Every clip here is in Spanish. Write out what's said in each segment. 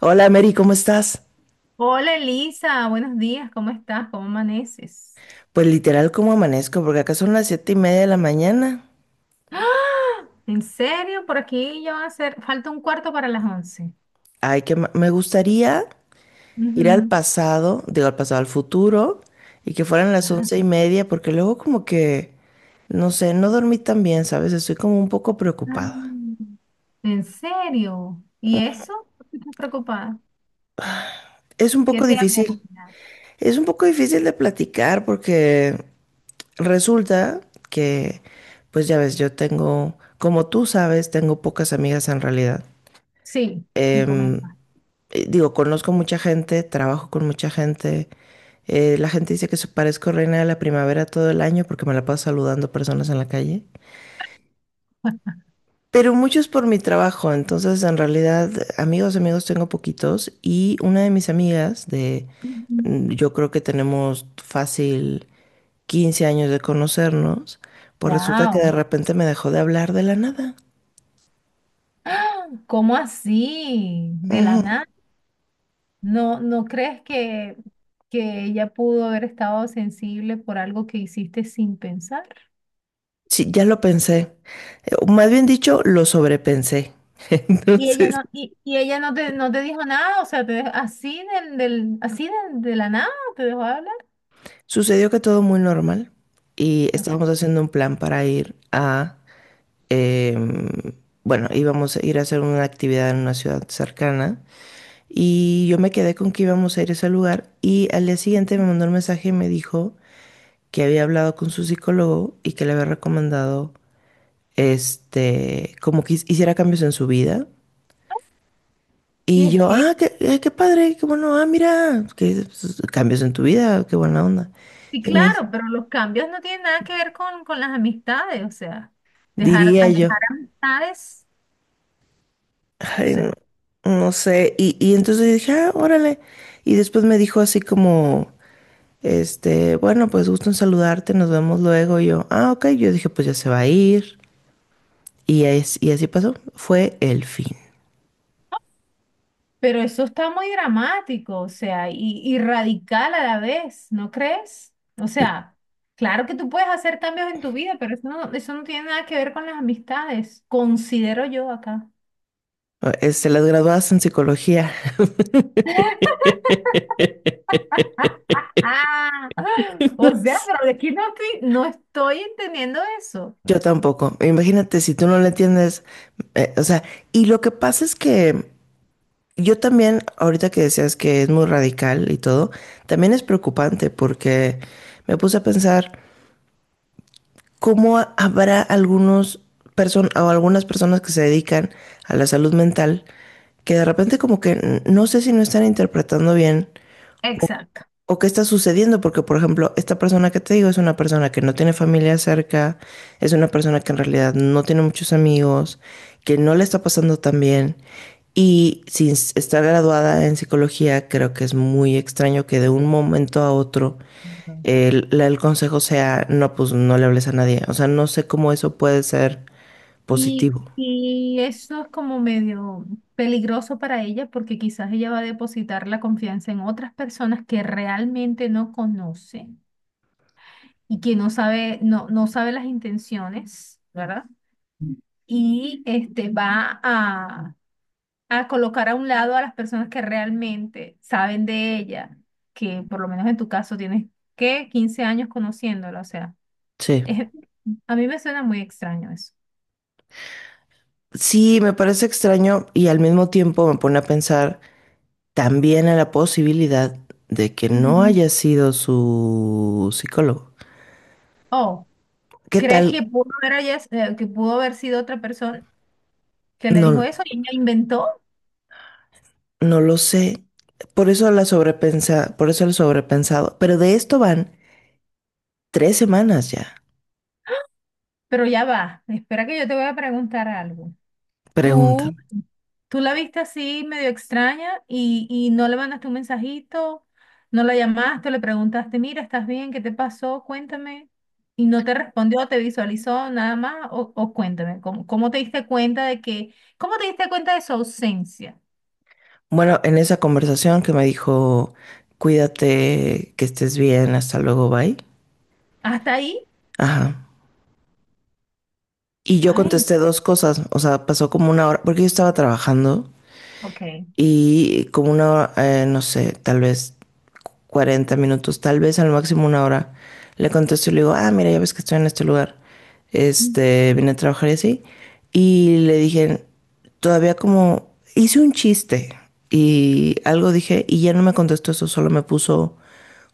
Hola Mary, ¿cómo estás? Hola Elisa, buenos días, ¿cómo estás? ¿Cómo amaneces? Pues literal, ¿cómo amanezco? Porque acá son las 7:30 de la mañana. ¡Ah! ¿En serio? Por aquí ya van a ser, falta un cuarto para las 11. Ay, que me gustaría ir al Ujú. pasado, digo al pasado, al futuro, y que fueran las 11:30, porque luego como que, no sé, no dormí tan bien, ¿sabes? Estoy como un poco preocupada. Ah, ¿en serio? ¿Y eso? ¿Por qué estás preocupada? Es un ¿Qué poco te ha difícil, comentado? es un poco difícil de platicar porque resulta que, pues ya ves, yo tengo, como tú sabes, tengo pocas amigas en realidad. Sí, me Em, comentas. Digo, conozco mucha gente, trabajo con mucha gente. La gente dice que parezco reina de la primavera todo el año porque me la paso saludando personas en la calle. Pero muchos por mi trabajo, entonces en realidad amigos, amigos tengo poquitos y una de mis amigas de, yo creo que tenemos fácil 15 años de conocernos, pues resulta que de Wow. repente me dejó de hablar de la nada. ¿Cómo así? De la Ujú. nada. ¿No, no crees que ella pudo haber estado sensible por algo que hiciste sin pensar? Sí, ya lo pensé. O más bien dicho, lo sobrepensé. Y ella Entonces, no, y, y ella no te, no te dijo nada, o sea, te dejó así del, así de la nada, te dejó de hablar. sucedió que todo muy normal y Okay. estábamos haciendo un plan para ir a, em, bueno, íbamos a ir a hacer una actividad en una ciudad cercana y yo me quedé con que íbamos a ir a ese lugar y al día siguiente me mandó un mensaje y me dijo que había hablado con su psicólogo y que le había recomendado, como que hiciera cambios en su vida. ¿Qué Y es yo, ah, eso? Qué padre, qué bueno, ah, mira, que pues, cambios en tu vida, qué buena onda. Sí, Y me dice, claro, pero los cambios no tienen nada que ver con las amistades, o sea, dejar, a diría yo. dejar amistades, o sea, No sé, y entonces dije, ah, órale. Y después me dijo así como, bueno, pues gusto en saludarte, nos vemos luego. Y yo, ah, ok. Yo dije, pues ya se va a ir. Y así pasó. Fue el fin. pero eso está muy dramático, o sea, y radical a la vez, ¿no crees? O sea, claro que tú puedes hacer cambios en tu vida, pero eso no tiene nada que ver con las amistades, considero yo acá. Las graduadas en psicología. Ah, o sea, pero de aquí no estoy entendiendo eso. Yo tampoco. Imagínate si tú no le entiendes, o sea, y lo que pasa es que yo también, ahorita que decías que es muy radical y todo, también es preocupante porque me puse a pensar, ¿cómo habrá algunos person o algunas personas que se dedican a la salud mental que de repente como que no sé si no están interpretando bien Exacto. o qué está sucediendo? Porque por ejemplo, esta persona que te digo es una persona que no tiene familia cerca, es una persona que en realidad no tiene muchos amigos, que no le está pasando tan bien. Y sin estar graduada en psicología, creo que es muy extraño que de un momento a otro el consejo sea, no, pues no le hables a nadie. O sea, no sé cómo eso puede ser Y, positivo. y eso es como medio peligroso para ella porque quizás ella va a depositar la confianza en otras personas que realmente no conoce y que no sabe, no, no sabe las intenciones, ¿verdad? Y este va a colocar a un lado a las personas que realmente saben de ella, que por lo menos en tu caso tienes, ¿qué? 15 años conociéndola, o sea. Sí. Es- a mí me suena muy extraño eso. Sí, me parece extraño y al mismo tiempo me pone a pensar también a la posibilidad de que no Ujú. haya sido su psicólogo. Oh, ¿Qué ¿crees que tal? pudo haber sido otra persona que le dijo No, eso y ella inventó? no lo sé. Por eso la sobrepensa, por eso lo sobrepensado. Pero de esto van 3 semanas ya. Pero ya va, espera que yo te voy a preguntar algo. ¿Tú, Pregúntame. tú la viste así medio extraña y no le mandaste un mensajito, no la llamaste, le preguntaste, mira, ¿estás bien? ¿Qué te pasó? Cuéntame. Y no te respondió, te visualizó nada más o cuéntame, ¿cómo te diste cuenta de que, cómo te diste cuenta de su ausencia? Bueno, en esa conversación que me dijo, cuídate, que estés bien, hasta luego, bye. ¿Hasta ahí? Ajá. Y yo Ay, contesté dos cosas, o sea, pasó como una hora, porque yo estaba trabajando ok. y como una hora, no sé, tal vez 40 minutos, tal vez al máximo una hora, le contesto y le digo, ah, mira, ya ves que estoy en este lugar, Mm. Vine a trabajar y así, y le dije, todavía como, hice un chiste y algo dije, y ya no me contestó eso, solo me puso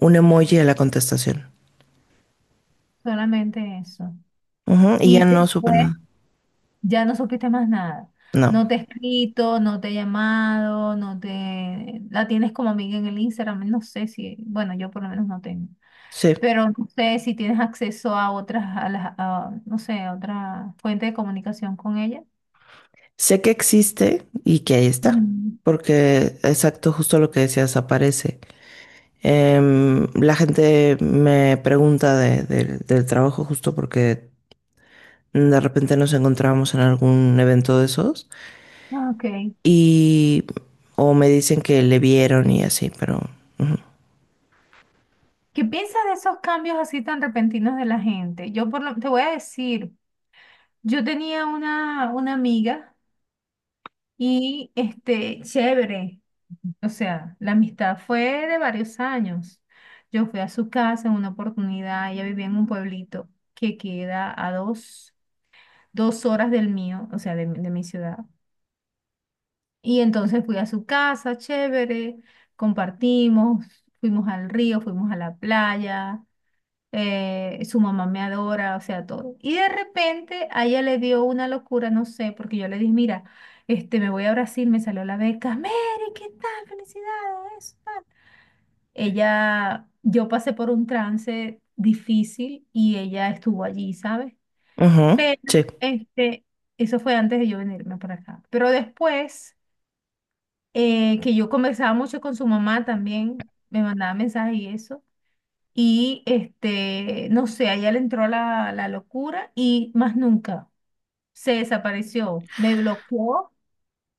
un emoji a la contestación. Solamente eso. Ujú, y ya Y no supe después nada. ya no supiste más nada. No, No te he escrito, no te he llamado, no te... La tienes como amiga en el Instagram, no sé si... Bueno, yo por lo menos no tengo. sí. Pero no sé si tienes acceso a otras, a las, a, no sé, a otra fuente de comunicación con ella. Sé que existe y que ahí está, Mm. porque exacto, justo lo que decías, aparece. La gente me pregunta del trabajo justo porque de repente nos encontramos en algún evento de esos Ok. y o me dicen que le vieron y así, pero ujú. ¿Qué piensas de esos cambios así tan repentinos de la gente? Te voy a decir, yo tenía una amiga. Y este, chévere, o sea, la amistad fue de varios años. Yo fui a su casa en una oportunidad, ella vivía en un pueblito que queda a dos horas del mío, o sea, de mi ciudad. Y entonces fui a su casa, chévere, compartimos, fuimos al río, fuimos a la playa, su mamá me adora, o sea, todo. Y de repente a ella le dio una locura, no sé, porque yo le dije, mira, este, me voy a Brasil, me salió la beca, Mary, ¿qué tal? Felicidades. Ella, yo pasé por un trance difícil y ella estuvo allí, ¿sabes? Ujú, Pero, sí. este, eso fue antes de yo venirme para acá. Pero después, que yo conversaba mucho con su mamá también, me mandaba mensajes y eso. Y este, no sé, a ella le entró la locura y más nunca se desapareció. Me bloqueó,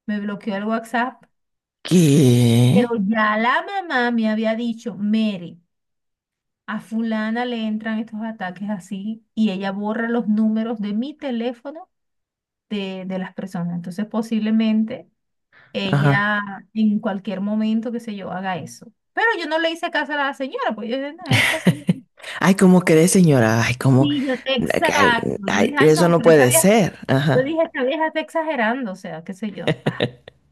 me bloqueó el WhatsApp. Pero ¿Qué? ya la mamá me había dicho, Mary, a fulana le entran estos ataques así y ella borra los números de mi teléfono de las personas. Entonces posiblemente Ajá. ella en cualquier momento, qué sé yo, haga eso. Pero yo no le hice caso a la señora, pues yo dije, no, esta señora. Ay, ¿cómo crees, señora? Ay, ¿cómo? Sí, yo, Ay, exacto. Yo ay, dije, ay, eso no, no pero esta puede vieja. ser. Yo Ajá. dije, esta vieja está exagerando, o sea, qué sé yo. Ah,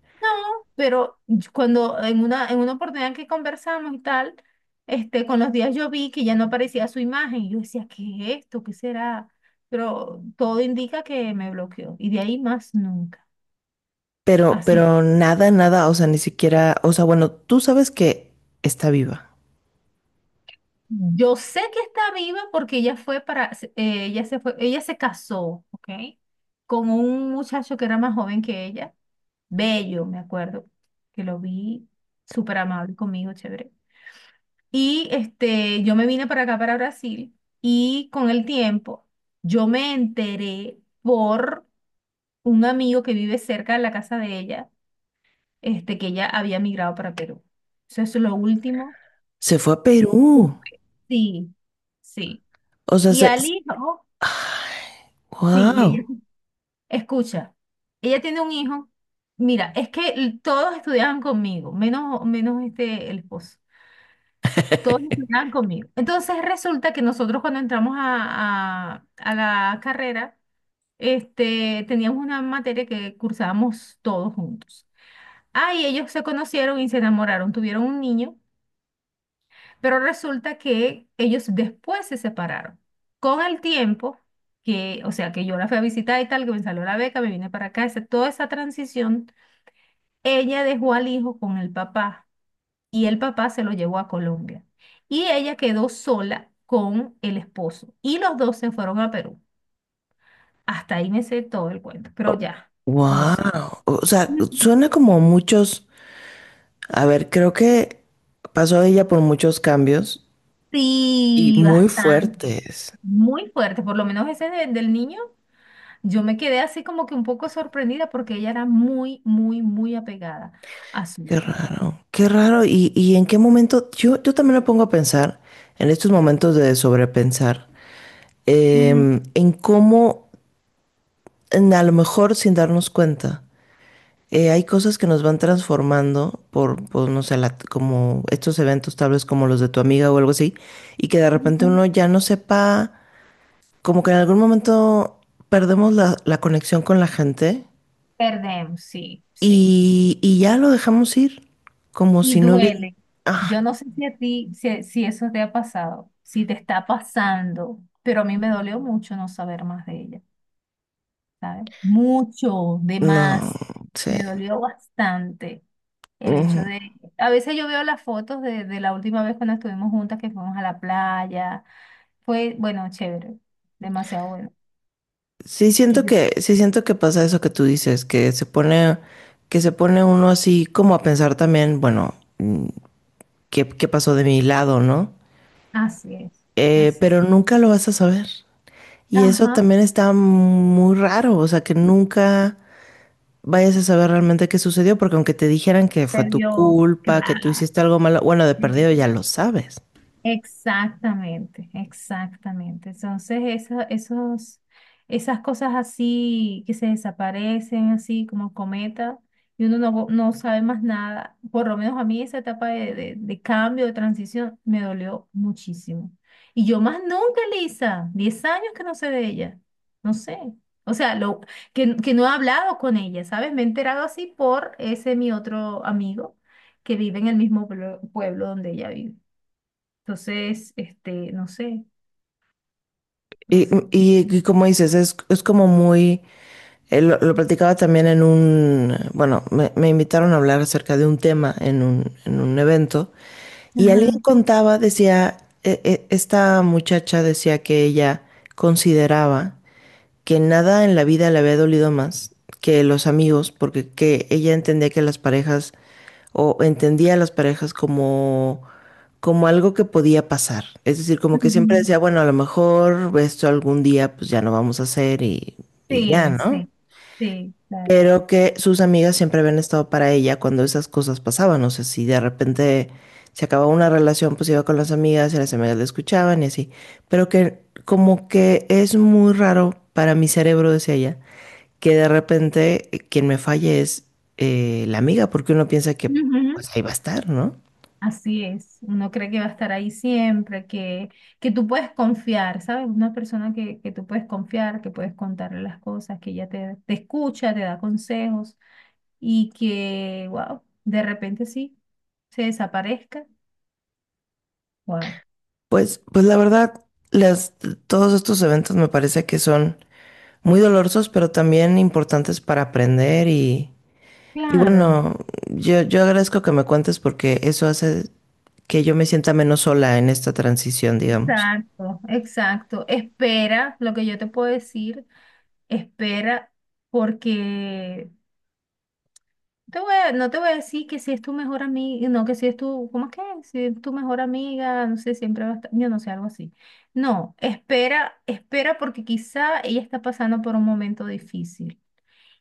pero cuando en una, oportunidad que conversamos y tal, este, con los días yo vi que ya no aparecía su imagen. Y yo decía, ¿qué es esto? ¿Qué será? Pero todo indica que me bloqueó. Y de ahí más nunca. Pero, Así. pero nada, nada, o sea, ni siquiera, o sea, bueno, tú sabes que está viva. Yo sé que está viva porque ella se fue, ella se casó, ¿ok? Con un muchacho que era más joven que ella, bello, me acuerdo, que lo vi súper amable conmigo, chévere. Y este, yo me vine para acá, para Brasil, y con el tiempo yo me enteré por un amigo que vive cerca de la casa de ella, este, que ella había migrado para Perú. Eso es lo último Se fue a que Perú. supe. Sí, sí. O sea, Y se... al hijo, sí, wow. Escucha, ella tiene un hijo. Mira, es que todos estudiaban conmigo, menos este, el esposo. Todos estudiaban conmigo. Entonces resulta que nosotros cuando entramos a la carrera, este, teníamos una materia que cursábamos todos juntos. Ah, y ellos se conocieron y se enamoraron, tuvieron un niño, pero resulta que ellos después se separaron. Con el tiempo, que, o sea, que yo la fui a visitar y tal, que me salió la beca, me vine para acá, toda esa transición, ella dejó al hijo con el papá, y el papá se lo llevó a Colombia. Y ella quedó sola con el esposo y los dos se fueron a Perú. Hasta ahí me sé todo el cuento, pero ya, no sé. Wow. O sea, suena como muchos. A ver, creo que pasó ella por muchos cambios y Sí, muy bastante. fuertes. Muy fuerte, por lo menos ese del niño, yo me quedé así como que un poco sorprendida porque ella era muy, muy, muy apegada a su Qué hijo. raro, qué raro. ¿Y en qué momento? Yo también me pongo a pensar en estos momentos de sobrepensar, Ujú. En cómo, a lo mejor sin darnos cuenta. Hay cosas que nos van transformando por, pues, no sé, como estos eventos tal vez como los de tu amiga o algo así, y que de repente Ujú. uno ya no sepa, como que en algún momento perdemos la conexión con la gente Perdemos, sí, sí. y ya lo dejamos ir, como Y si no hubiera... duele. Ah, Yo no sé si a ti, si eso te ha pasado, si te está pasando, pero a mí me dolió mucho no saber más de ella, ¿sabes? Mucho de no más. sé. Me dolió bastante el hecho Ujú. de... A veces yo veo las fotos de la última vez cuando estuvimos juntas, que fuimos a la playa. Fue, bueno, chévere, demasiado bueno. Sí Y siento yo, que, sí siento que pasa eso que tú dices, que se pone uno así como a pensar también, bueno, ¿qué pasó de mi lado, no? así es, así es. Pero nunca lo vas a saber. Y eso Ajá, también está muy raro, o sea, que nunca vayas a saber realmente qué sucedió, porque aunque te dijeran que fue se tu vio, culpa, que tú claro. hiciste algo malo, bueno, de perdido ya Sí. lo sabes. Exactamente, exactamente. Entonces, esos, esas cosas así que se desaparecen, así como cometa, y uno no, no sabe más nada, por lo menos a mí esa etapa de cambio, de transición, me dolió muchísimo. Y yo más nunca, Lisa, 10 años que no sé de ella, no sé. O sea, lo, que no he hablado con ella, ¿sabes? Me he enterado así por ese mi otro amigo que vive en el mismo pueblo donde ella vive. Entonces, este, no sé, no Y, sé. y- y como dices, es, como muy, lo platicaba también en un, bueno, me invitaron a hablar acerca de un tema en un evento. Y alguien Ajá. contaba, decía, esta muchacha decía que ella consideraba que nada en la vida le había dolido más que los amigos, porque que ella entendía que las parejas, o entendía a las parejas como algo que podía pasar. Es decir, como que siempre Ujú. decía, bueno, a lo mejor esto algún día pues ya no vamos a hacer y ya, Sí, ¿no? sí, sí, claro. Pero que sus amigas siempre habían estado para ella cuando esas cosas pasaban. O sea, si de repente se acababa una relación, pues iba con las amigas y las amigas le escuchaban y así. Pero que como que es muy raro para mi cerebro, decía ella, que de repente quien me falle es la amiga, porque uno piensa que Ujú. pues ahí va a estar, ¿no? Así es. Uno cree que va a estar ahí siempre, que, tú puedes confiar, ¿sabes? Una persona que tú puedes confiar, que puedes contarle las cosas, que ella te, te escucha, te da consejos y que, wow, de repente sí, se desaparezca. Wow. Pues la verdad, las, todos estos eventos me parece que son muy dolorosos, pero también importantes para aprender y Claro, bueno, yo agradezco que me cuentes porque eso hace que yo me sienta menos sola en esta transición, digamos. exacto, exacto. Espera, lo que yo te puedo decir. Espera, porque te voy a- no te voy a decir que si es tu mejor amiga, no, que si es tu, ¿cómo es que? Si es tu mejor amiga, no sé, siempre va a estar, yo no sé, algo así. No, espera, espera porque quizá ella está pasando por un momento difícil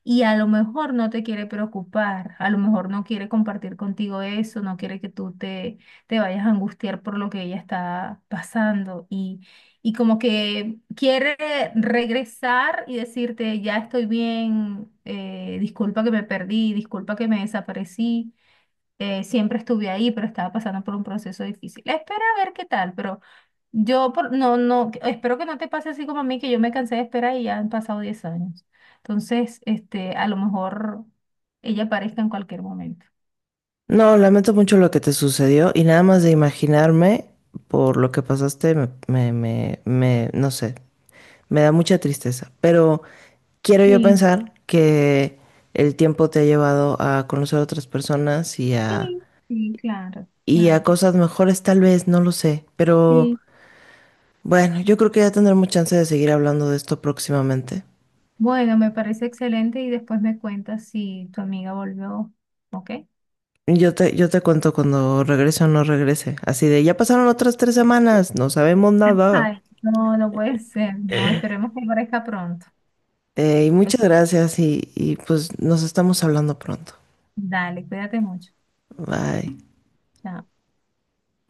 y a lo mejor no te quiere preocupar, a lo mejor no quiere compartir contigo eso, no quiere que tú te vayas a angustiar por lo que ella está pasando y como que quiere regresar y decirte, ya estoy bien, disculpa que me perdí, disculpa que me desaparecí, siempre estuve ahí, pero estaba pasando por un proceso difícil. Espera a ver qué tal, pero no, no, espero que no te pase así como a mí, que yo me cansé de esperar y ya han pasado 10 años. Entonces, este, a lo mejor ella aparezca en cualquier momento. No, lamento mucho lo que te sucedió y nada más de imaginarme por lo que pasaste, no sé. Me da mucha tristeza, pero quiero yo Sí, pensar que el tiempo te ha llevado a conocer a otras personas y a, sí, sí, claro, y a claro. cosas mejores, tal vez, no lo sé, pero Sí. bueno, yo creo que ya tendremos chance de seguir hablando de esto próximamente. Bueno, me parece excelente y después me cuentas si tu amiga volvió, ¿ok? Yo te cuento cuando regrese o no regrese, así de, ya pasaron otras 3 semanas, no sabemos nada. Ay, no, no puede ser, no, esperemos que aparezca pronto. Y Ok, muchas gracias y pues nos estamos hablando pronto. dale, cuídate mucho. Bye. Chao.